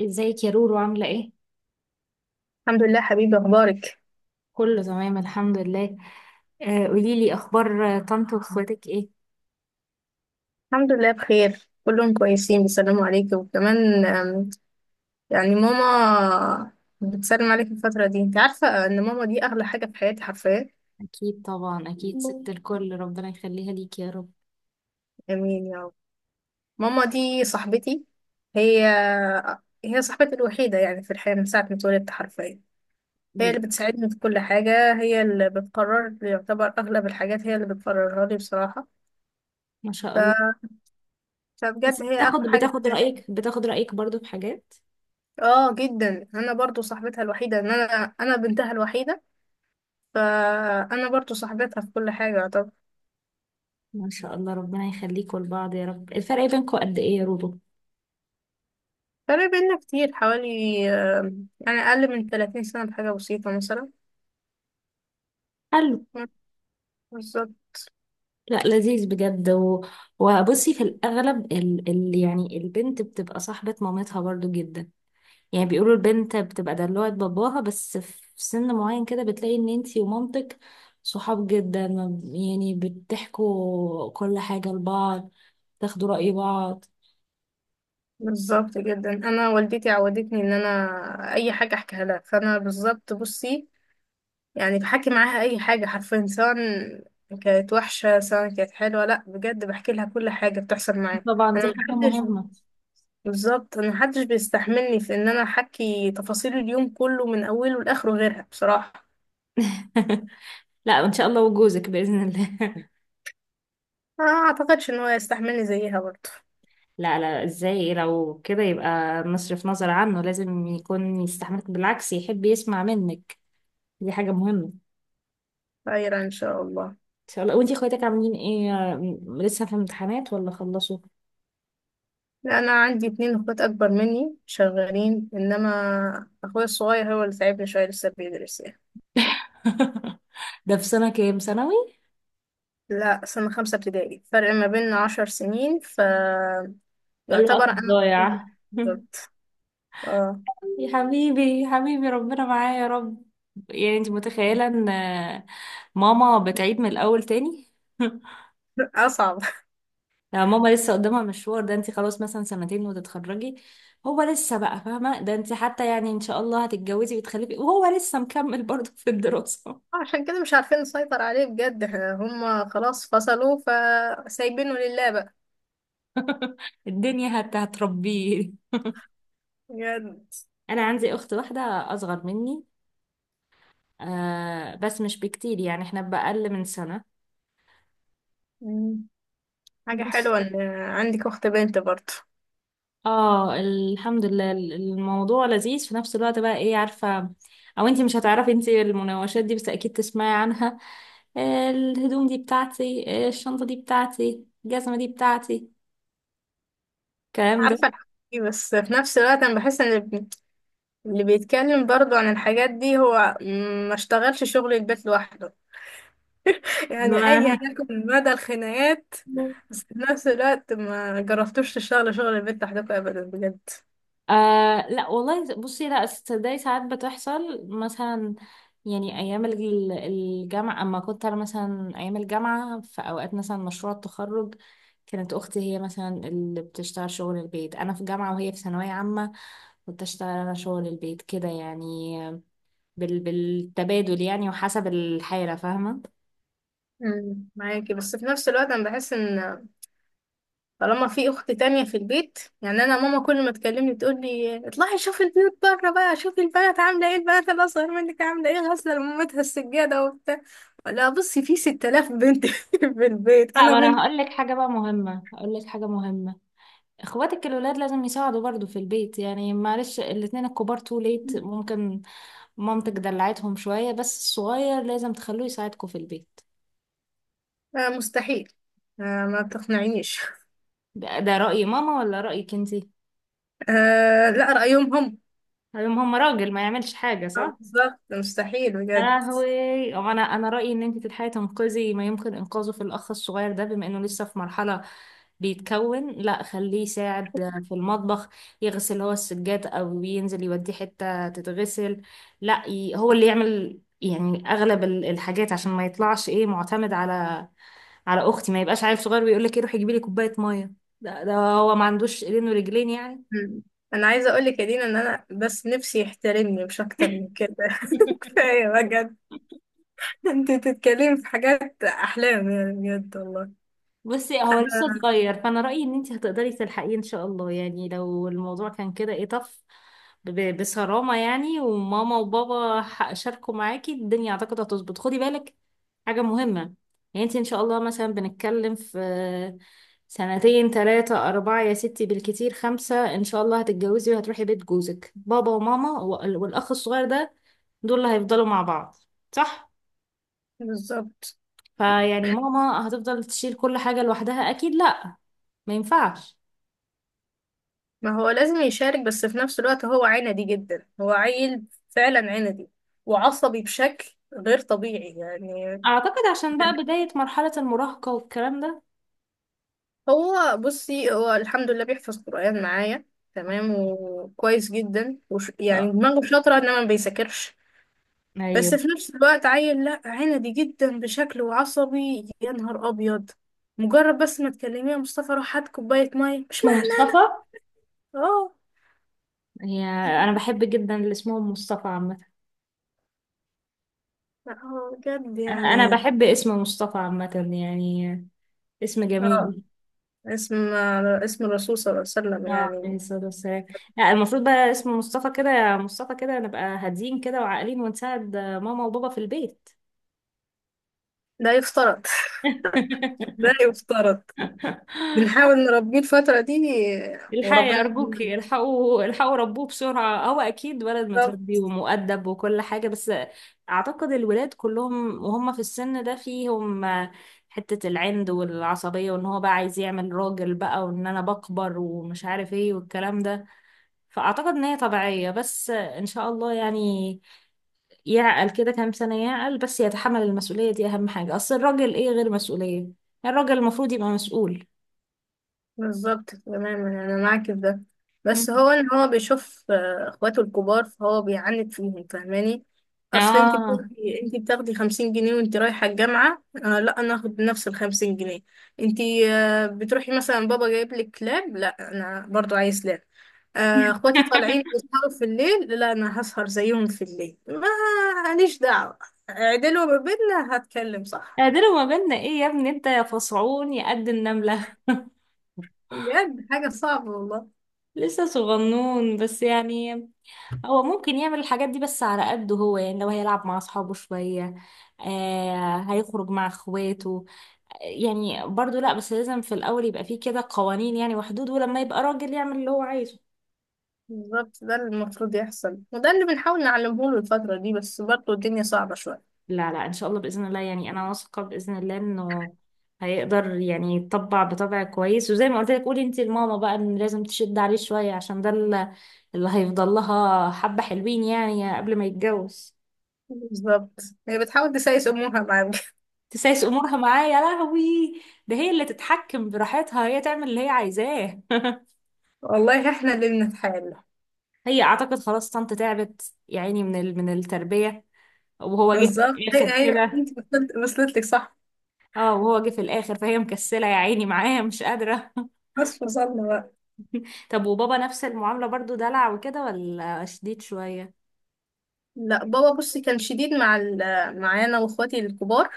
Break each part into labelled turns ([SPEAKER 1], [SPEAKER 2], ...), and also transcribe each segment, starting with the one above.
[SPEAKER 1] ازيك يا رورو، عاملة ايه؟
[SPEAKER 2] الحمد لله حبيبي. أخبارك
[SPEAKER 1] كله تمام الحمد لله. آه قوليلي اخبار، طنط واخواتك ايه؟
[SPEAKER 2] الحمد لله بخير، كلهم كويسين بيسلموا عليك. وكمان يعني ماما بتسلم عليك الفترة دي. انت عارفة ان ماما دي أغلى حاجة في حياتي حرفيا.
[SPEAKER 1] اكيد طبعا، اكيد ست الكل، ربنا يخليها ليك يا رب.
[SPEAKER 2] امين يا رب. ماما دي صاحبتي. هي هي صاحبتي الوحيدة يعني في الحياة من ساعة ما اتولدت حرفيا. هي اللي
[SPEAKER 1] بجد.
[SPEAKER 2] بتساعدني في كل حاجة، هي اللي بتقرر، يعتبر أغلب الحاجات هي اللي بتقررها لي بصراحة.
[SPEAKER 1] ما شاء الله.
[SPEAKER 2] ف...
[SPEAKER 1] بس
[SPEAKER 2] فبجد هي
[SPEAKER 1] بتاخد
[SPEAKER 2] أغلى حاجة في
[SPEAKER 1] بتاخد
[SPEAKER 2] حياتي.
[SPEAKER 1] رأيك بتاخد رأيك برضو في حاجات.
[SPEAKER 2] اه جدا، انا برضو صاحبتها الوحيدة، ان انا بنتها الوحيدة، فأنا برضو صاحبتها في كل حاجة. طب،
[SPEAKER 1] ما شاء الله، ربنا يخليكوا لبعض يا رب. الفرق بينكوا قد ايه يا رورو؟
[SPEAKER 2] فرق بينا كتير، حوالي آه، يعني أقل من 30 سنة بحاجة بسيطة مثلا.
[SPEAKER 1] حلو.
[SPEAKER 2] مم، بالظبط
[SPEAKER 1] لا لذيذ بجد وبصي، في الاغلب يعني البنت بتبقى صاحبة مامتها برضو جدا. يعني بيقولوا البنت بتبقى دلوعة باباها، بس في سن معين كده بتلاقي ان انتي ومامتك صحاب جدا، ما ب- يعني بتحكوا كل حاجة لبعض، تاخدوا رأي بعض.
[SPEAKER 2] بالظبط جدا، أنا والدتي عودتني إن أنا أي حاجة أحكيها لها، فأنا بالظبط. بصي يعني بحكي معاها أي حاجة حرفيا، سواء كانت وحشة سواء كانت حلوة، لأ بجد بحكي لها كل حاجة بتحصل معايا.
[SPEAKER 1] طبعا
[SPEAKER 2] أنا
[SPEAKER 1] دي حاجة
[SPEAKER 2] محدش
[SPEAKER 1] مهمة.
[SPEAKER 2] بالظبط أنا محدش بيستحملني في إن أنا أحكي تفاصيل اليوم كله من أوله لآخره غيرها بصراحة.
[SPEAKER 1] لا ان شاء الله، وجوزك بإذن الله.
[SPEAKER 2] ما اعتقدش ان هو يستحملني زيها برضه.
[SPEAKER 1] لا لا، ازاي؟ لو كده يبقى مصرف نظر عنه، لازم يكون يستحملك، بالعكس يحب يسمع منك. دي حاجة مهمة.
[SPEAKER 2] خير ان شاء الله.
[SPEAKER 1] ان شاء الله. وانتي اخواتك عاملين ايه؟ لسه في امتحانات ولا خلصوا؟
[SPEAKER 2] انا عندي اتنين اخوات اكبر مني شغالين، انما اخويا الصغير هو اللي تعبني شويه، لسه بيدرس يعني.
[SPEAKER 1] ده في سنة كام ثانوي؟
[SPEAKER 2] لا سنه خمسه ابتدائي، فرق ما بيننا 10 سنين، فيعتبر
[SPEAKER 1] الوقت
[SPEAKER 2] انا
[SPEAKER 1] الضايع.
[SPEAKER 2] بالظبط. اه.
[SPEAKER 1] يا حبيبي يا حبيبي، ربنا معايا يا رب. يعني انت متخيلة ان ماما بتعيد من الاول تاني؟
[SPEAKER 2] اصعب.
[SPEAKER 1] لا، ماما لسه قدامها مشوار. ده انت خلاص مثلا سنتين وتتخرجي، هو لسه، بقى فاهمة؟ ده انت حتى يعني ان شاء الله هتتجوزي وتخلفي وهو لسه مكمل برضه في الدراسة.
[SPEAKER 2] عشان كده مش عارفين نسيطر عليه بجد، احنا هم خلاص فصلوا، فسايبينه لله بقى.
[SPEAKER 1] الدنيا هتربيه.
[SPEAKER 2] بجد.
[SPEAKER 1] انا عندي اخت واحدة اصغر مني. آه بس مش بكتير، يعني احنا بأقل من سنة.
[SPEAKER 2] مم. حاجه
[SPEAKER 1] بس.
[SPEAKER 2] حلوه ان عندك اخت بنت برضه.
[SPEAKER 1] اه الحمد لله، الموضوع لذيذ في نفس الوقت بقى، ايه عارفة؟ او انتي مش هتعرفي انتي، المناوشات دي بس اكيد تسمعي عنها. الهدوم دي بتاعتي، الشنطة دي بتاعتي، الجزمة دي بتاعتي، الكلام ده.
[SPEAKER 2] عارفة الحاجات دي، بس في نفس الوقت أنا بحس إن اللي بيتكلم برضه عن الحاجات دي هو ما اشتغلش شغل البيت لوحده. يعني أيا
[SPEAKER 1] معنى،
[SPEAKER 2] يكن مدى الخناقات، بس في نفس الوقت ما جربتوش تشتغلوا شغل البيت لوحدكم أبدا بجد.
[SPEAKER 1] آه لا والله. بصي، لا تصدقي، ساعات بتحصل مثلا. يعني ايام الجامعه، اما كنت انا مثلا ايام الجامعه في اوقات مثلا مشروع التخرج، كانت اختي هي مثلا اللي بتشتغل شغل البيت، انا في جامعه وهي في ثانويه عامه، كنت اشتغل انا شغل البيت كده يعني. بالتبادل يعني، وحسب الحاله، فاهمه.
[SPEAKER 2] معاكي، بس في نفس الوقت أنا بحس إن طالما في اخت تانية في البيت يعني. انا ماما كل ما تكلمني تقول لي اطلعي شوفي البيوت بره بقى، شوفي البنات عامله ايه، البنات الاصغر منك عامله ايه، غاسله لمامتها السجاده وبتاع. لا بصي، في 6000 بنت في البيت،
[SPEAKER 1] لا،
[SPEAKER 2] انا
[SPEAKER 1] ما انا
[SPEAKER 2] بنت.
[SPEAKER 1] هقول لك حاجه بقى مهمه، هقول لك حاجه مهمه. اخواتك الولاد لازم يساعدوا برضو في البيت يعني، معلش الاتنين الكبار تو ليت ممكن مامتك دلعتهم شوية، بس الصغير لازم تخلوه يساعدكم في البيت.
[SPEAKER 2] آه مستحيل. آه ما تقنعينيش.
[SPEAKER 1] ده رأي ماما ولا رأيك انتي؟
[SPEAKER 2] آه لا، رأيهم هم.
[SPEAKER 1] هم راجل ما يعملش حاجة.
[SPEAKER 2] بالظبط مستحيل
[SPEAKER 1] يا
[SPEAKER 2] بجد.
[SPEAKER 1] لهوي. هو انا رايي ان انت تلحقي تنقذي ما يمكن انقاذه في الاخ الصغير ده، بما انه لسه في مرحله بيتكون. لا خليه يساعد في المطبخ، يغسل هو السجاد او ينزل يوديه حته تتغسل. لا ي... هو اللي يعمل يعني اغلب الحاجات، عشان ما يطلعش ايه معتمد على اختي. ما يبقاش عيل صغير بيقول لك ايه، روحي جيبي لي كوبايه ميه. ده هو ما عندوش ايدين ورجلين يعني؟
[SPEAKER 2] مم. انا عايزه اقول لك يا دينا ان انا بس نفسي يحترمني، مش اكتر من كده. كفايه بجد، انت تتكلمي في حاجات احلام يعني بجد والله.
[SPEAKER 1] بصي هو لسه صغير، فانا رايي ان انت هتقدري تلحقيه ان شاء الله. يعني لو الموضوع كان كده ايه طف، بصرامه يعني، وماما وبابا شاركوا معاكي الدنيا، اعتقد هتظبط. خدي بالك، حاجه مهمه. يعني انت ان شاء الله مثلا بنتكلم في سنتين ثلاثة أربعة يا ستي، بالكتير خمسة، إن شاء الله هتتجوزي وهتروحي بيت جوزك. بابا وماما والأخ الصغير ده، دول اللي هيفضلوا مع بعض. صح؟
[SPEAKER 2] بالظبط،
[SPEAKER 1] فيعني ماما هتفضل تشيل كل حاجة لوحدها؟ أكيد لأ، ما ينفعش.
[SPEAKER 2] ما هو لازم يشارك، بس في نفس الوقت هو عندي جدا، هو عيل فعلا عندي وعصبي بشكل غير طبيعي يعني.
[SPEAKER 1] أعتقد عشان بقى بداية مرحلة المراهقة والكلام ده.
[SPEAKER 2] هو بصي هو الحمد لله بيحفظ قرآن معايا، تمام وكويس جدا، وش
[SPEAKER 1] إن شاء
[SPEAKER 2] يعني
[SPEAKER 1] الله.
[SPEAKER 2] دماغه شاطرة، انما ما بيذاكرش. بس
[SPEAKER 1] أيوه.
[SPEAKER 2] في نفس الوقت عيل لا عندي جدا بشكل، وعصبي يا نهار ابيض. مجرد بس ما تكلميه يا مصطفى روح هات كوباية مية، مش
[SPEAKER 1] اسمه
[SPEAKER 2] محتاج.
[SPEAKER 1] مصطفى.
[SPEAKER 2] اه.
[SPEAKER 1] هي. أنا بحب جدا اللي اسمه مصطفى عامة.
[SPEAKER 2] لا هو بجد
[SPEAKER 1] أنا
[SPEAKER 2] يعني.
[SPEAKER 1] بحب اسم مصطفى عامة يعني، اسم
[SPEAKER 2] اه،
[SPEAKER 1] جميل.
[SPEAKER 2] اسم اسم الرسول صلى الله عليه وسلم
[SPEAKER 1] اه،
[SPEAKER 2] يعني.
[SPEAKER 1] عليه الصلاة والسلام. لا المفروض بقى، اسم مصطفى كده مصطفى كده، نبقى هاديين كده وعاقلين، ونساعد ماما وبابا في البيت.
[SPEAKER 2] لا يفترض. لا يفترض، بنحاول نربيه الفترة دي.
[SPEAKER 1] الحقي
[SPEAKER 2] وربنا يهديه.
[SPEAKER 1] أرجوكي، الحقوا الحقوا، ربوه بسرعة. هو أكيد ولد متربي ومؤدب وكل حاجة، بس أعتقد الولاد كلهم وهم في السن ده فيهم حتة العند والعصبية، وإن هو بقى عايز يعمل راجل بقى، وإن أنا بكبر ومش عارف إيه والكلام ده. فأعتقد إن هي طبيعية، بس إن شاء الله يعني يعقل كده كام سنة، يعقل بس يتحمل المسؤولية دي، أهم حاجة. أصل الراجل إيه غير مسؤولية؟ الراجل المفروض يبقى مسؤول.
[SPEAKER 2] بالظبط تماما، انا معاك في ده.
[SPEAKER 1] مم.
[SPEAKER 2] بس هو ان هو بيشوف اخواته الكبار فهو بيعاند فيهم، فاهماني؟ اصل انت
[SPEAKER 1] آه.
[SPEAKER 2] بتاخدي انت بتاخدي 50 جنيه وانت رايحه الجامعه، آه لا انا اخد نفس ال 50 جنيه انت. آه بتروحي مثلا بابا جايب لك كلاب، لا انا برضو عايز كلاب. اخواتي طالعين يسهروا في الليل، لا انا هسهر زيهم في الليل، ما ليش دعوة. عدلوا ما بيننا هتكلم صح.
[SPEAKER 1] قادر مجالنا ايه يا ابني انت يا فصعون يا قد النملة؟
[SPEAKER 2] بجد حاجة صعبة والله.
[SPEAKER 1] لسه صغنون بس يعني. هو ممكن يعمل الحاجات دي بس على قده هو يعني، لو هيلعب مع اصحابه شوية آه، هيخرج مع اخواته، يعني برضو لا، بس لازم في الاول يبقى فيه كده قوانين يعني وحدود، ولما يبقى راجل يعمل اللي هو عايزه.
[SPEAKER 2] بالظبط ده اللي المفروض يحصل، وده اللي بنحاول نعلمه له الفترة دي، بس برضه الدنيا صعبة شوية.
[SPEAKER 1] لا لا ان شاء الله باذن الله، يعني انا واثقه باذن الله انه هيقدر يعني يطبع بطبع كويس. وزي ما قلت لك، قولي انت لماما بقى ان لازم تشد عليه شويه، عشان ده اللي هيفضل لها. حبه حلوين يعني قبل ما يتجوز.
[SPEAKER 2] بالظبط. هي بتحاول تسايس أمورها معاك.
[SPEAKER 1] تسايس امورها معاه؟ يا لهوي. ده هي اللي تتحكم براحتها، هي تعمل اللي هي عايزاه.
[SPEAKER 2] والله احنا اللي بنتحايل.
[SPEAKER 1] هي اعتقد خلاص طنط تعبت يا عيني من من التربيه، وهو جه في
[SPEAKER 2] بالظبط. هي
[SPEAKER 1] الاخر
[SPEAKER 2] هي
[SPEAKER 1] كده.
[SPEAKER 2] انت وصلت لك صح.
[SPEAKER 1] اه وهو جه في الاخر، فهي مكسله يا عيني معاه مش قادره.
[SPEAKER 2] بس وصلنا بقى.
[SPEAKER 1] طب وبابا نفس المعاملة برضو، دلع وكده ولا شديد شوية؟
[SPEAKER 2] لا بابا بصي كان شديد مع معايا انا واخواتي الكبار.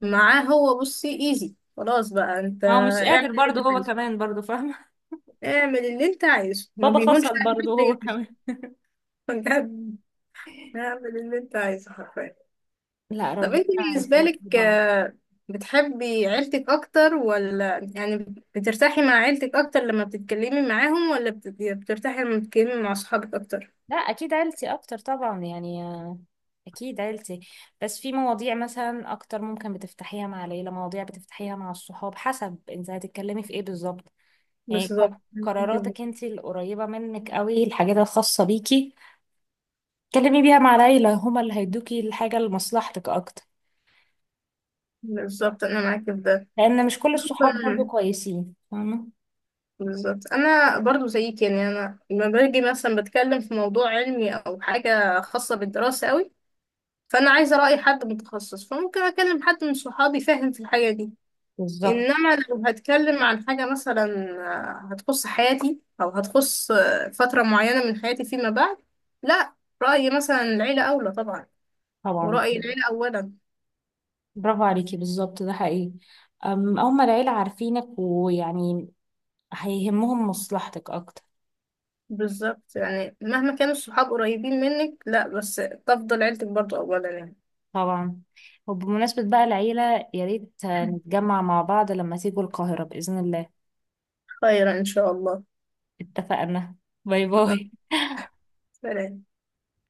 [SPEAKER 2] معاه هو بصي ايزي، خلاص بقى انت
[SPEAKER 1] هو مش قادر
[SPEAKER 2] اعمل اللي
[SPEAKER 1] برضه
[SPEAKER 2] انت
[SPEAKER 1] هو
[SPEAKER 2] عايزه.
[SPEAKER 1] كمان برضه، فاهمة.
[SPEAKER 2] اعمل اللي انت عايزه ما
[SPEAKER 1] بابا
[SPEAKER 2] بيهونش
[SPEAKER 1] فصل
[SPEAKER 2] عليك
[SPEAKER 1] برضه
[SPEAKER 2] حتى
[SPEAKER 1] هو
[SPEAKER 2] يمشي.
[SPEAKER 1] كمان.
[SPEAKER 2] بجد. اعمل اللي انت عايزه حرفيا.
[SPEAKER 1] لا
[SPEAKER 2] طب
[SPEAKER 1] رب
[SPEAKER 2] انت
[SPEAKER 1] آه
[SPEAKER 2] بالنسبة
[SPEAKER 1] يخليك
[SPEAKER 2] لك
[SPEAKER 1] لبعض.
[SPEAKER 2] بتحبي عيلتك اكتر، ولا يعني بترتاحي مع عيلتك اكتر لما بتتكلمي معاهم، ولا بترتاحي لما بتتكلمي مع صحابك اكتر؟
[SPEAKER 1] لا اكيد عيلتي اكتر طبعا يعني، اكيد عيلتي. بس في مواضيع مثلا اكتر ممكن بتفتحيها مع العيله، مواضيع بتفتحيها مع الصحاب، حسب انت هتتكلمي في ايه بالظبط. يعني
[SPEAKER 2] بالظبط.
[SPEAKER 1] قراراتك انت القريبه منك قوي، الحاجات الخاصه بيكي، اتكلمي بيها مع العيله، هما اللي هيدوكي الحاجه لمصلحتك اكتر،
[SPEAKER 2] بالظبط انا معاكي في ده.
[SPEAKER 1] لان مش كل الصحاب برضو
[SPEAKER 2] خصوصاً-
[SPEAKER 1] كويسين، فاهمه.
[SPEAKER 2] بالظبط انا برضو زيك يعني. انا لما باجي مثلا بتكلم في موضوع علمي او حاجة خاصة بالدراسة قوي، فانا عايزة رأي حد متخصص، فممكن اكلم حد من صحابي فاهم في الحاجة دي.
[SPEAKER 1] بالظبط.
[SPEAKER 2] انما لو هتكلم عن حاجة مثلا هتخص حياتي، او هتخص فترة معينة من حياتي فيما بعد، لا، رأيي مثلا العيلة اولى طبعا.
[SPEAKER 1] طبعا.
[SPEAKER 2] ورأي العيلة اولا.
[SPEAKER 1] برافو عليكي، بالظبط ده حقيقي. أم، أول ما العيلة عارفينك، ويعني هيهمهم مصلحتك أكتر.
[SPEAKER 2] بالظبط، يعني مهما كانوا الصحاب قريبين منك، لا بس تفضل عيلتك برضو اولا يعني.
[SPEAKER 1] طبعا. وبمناسبة بقى العيلة، يا ريت نتجمع مع بعض لما تيجوا القاهرة بإذن الله.
[SPEAKER 2] خيرا ان شاء الله.
[SPEAKER 1] اتفقنا. باي
[SPEAKER 2] آه،
[SPEAKER 1] باي.
[SPEAKER 2] سلام.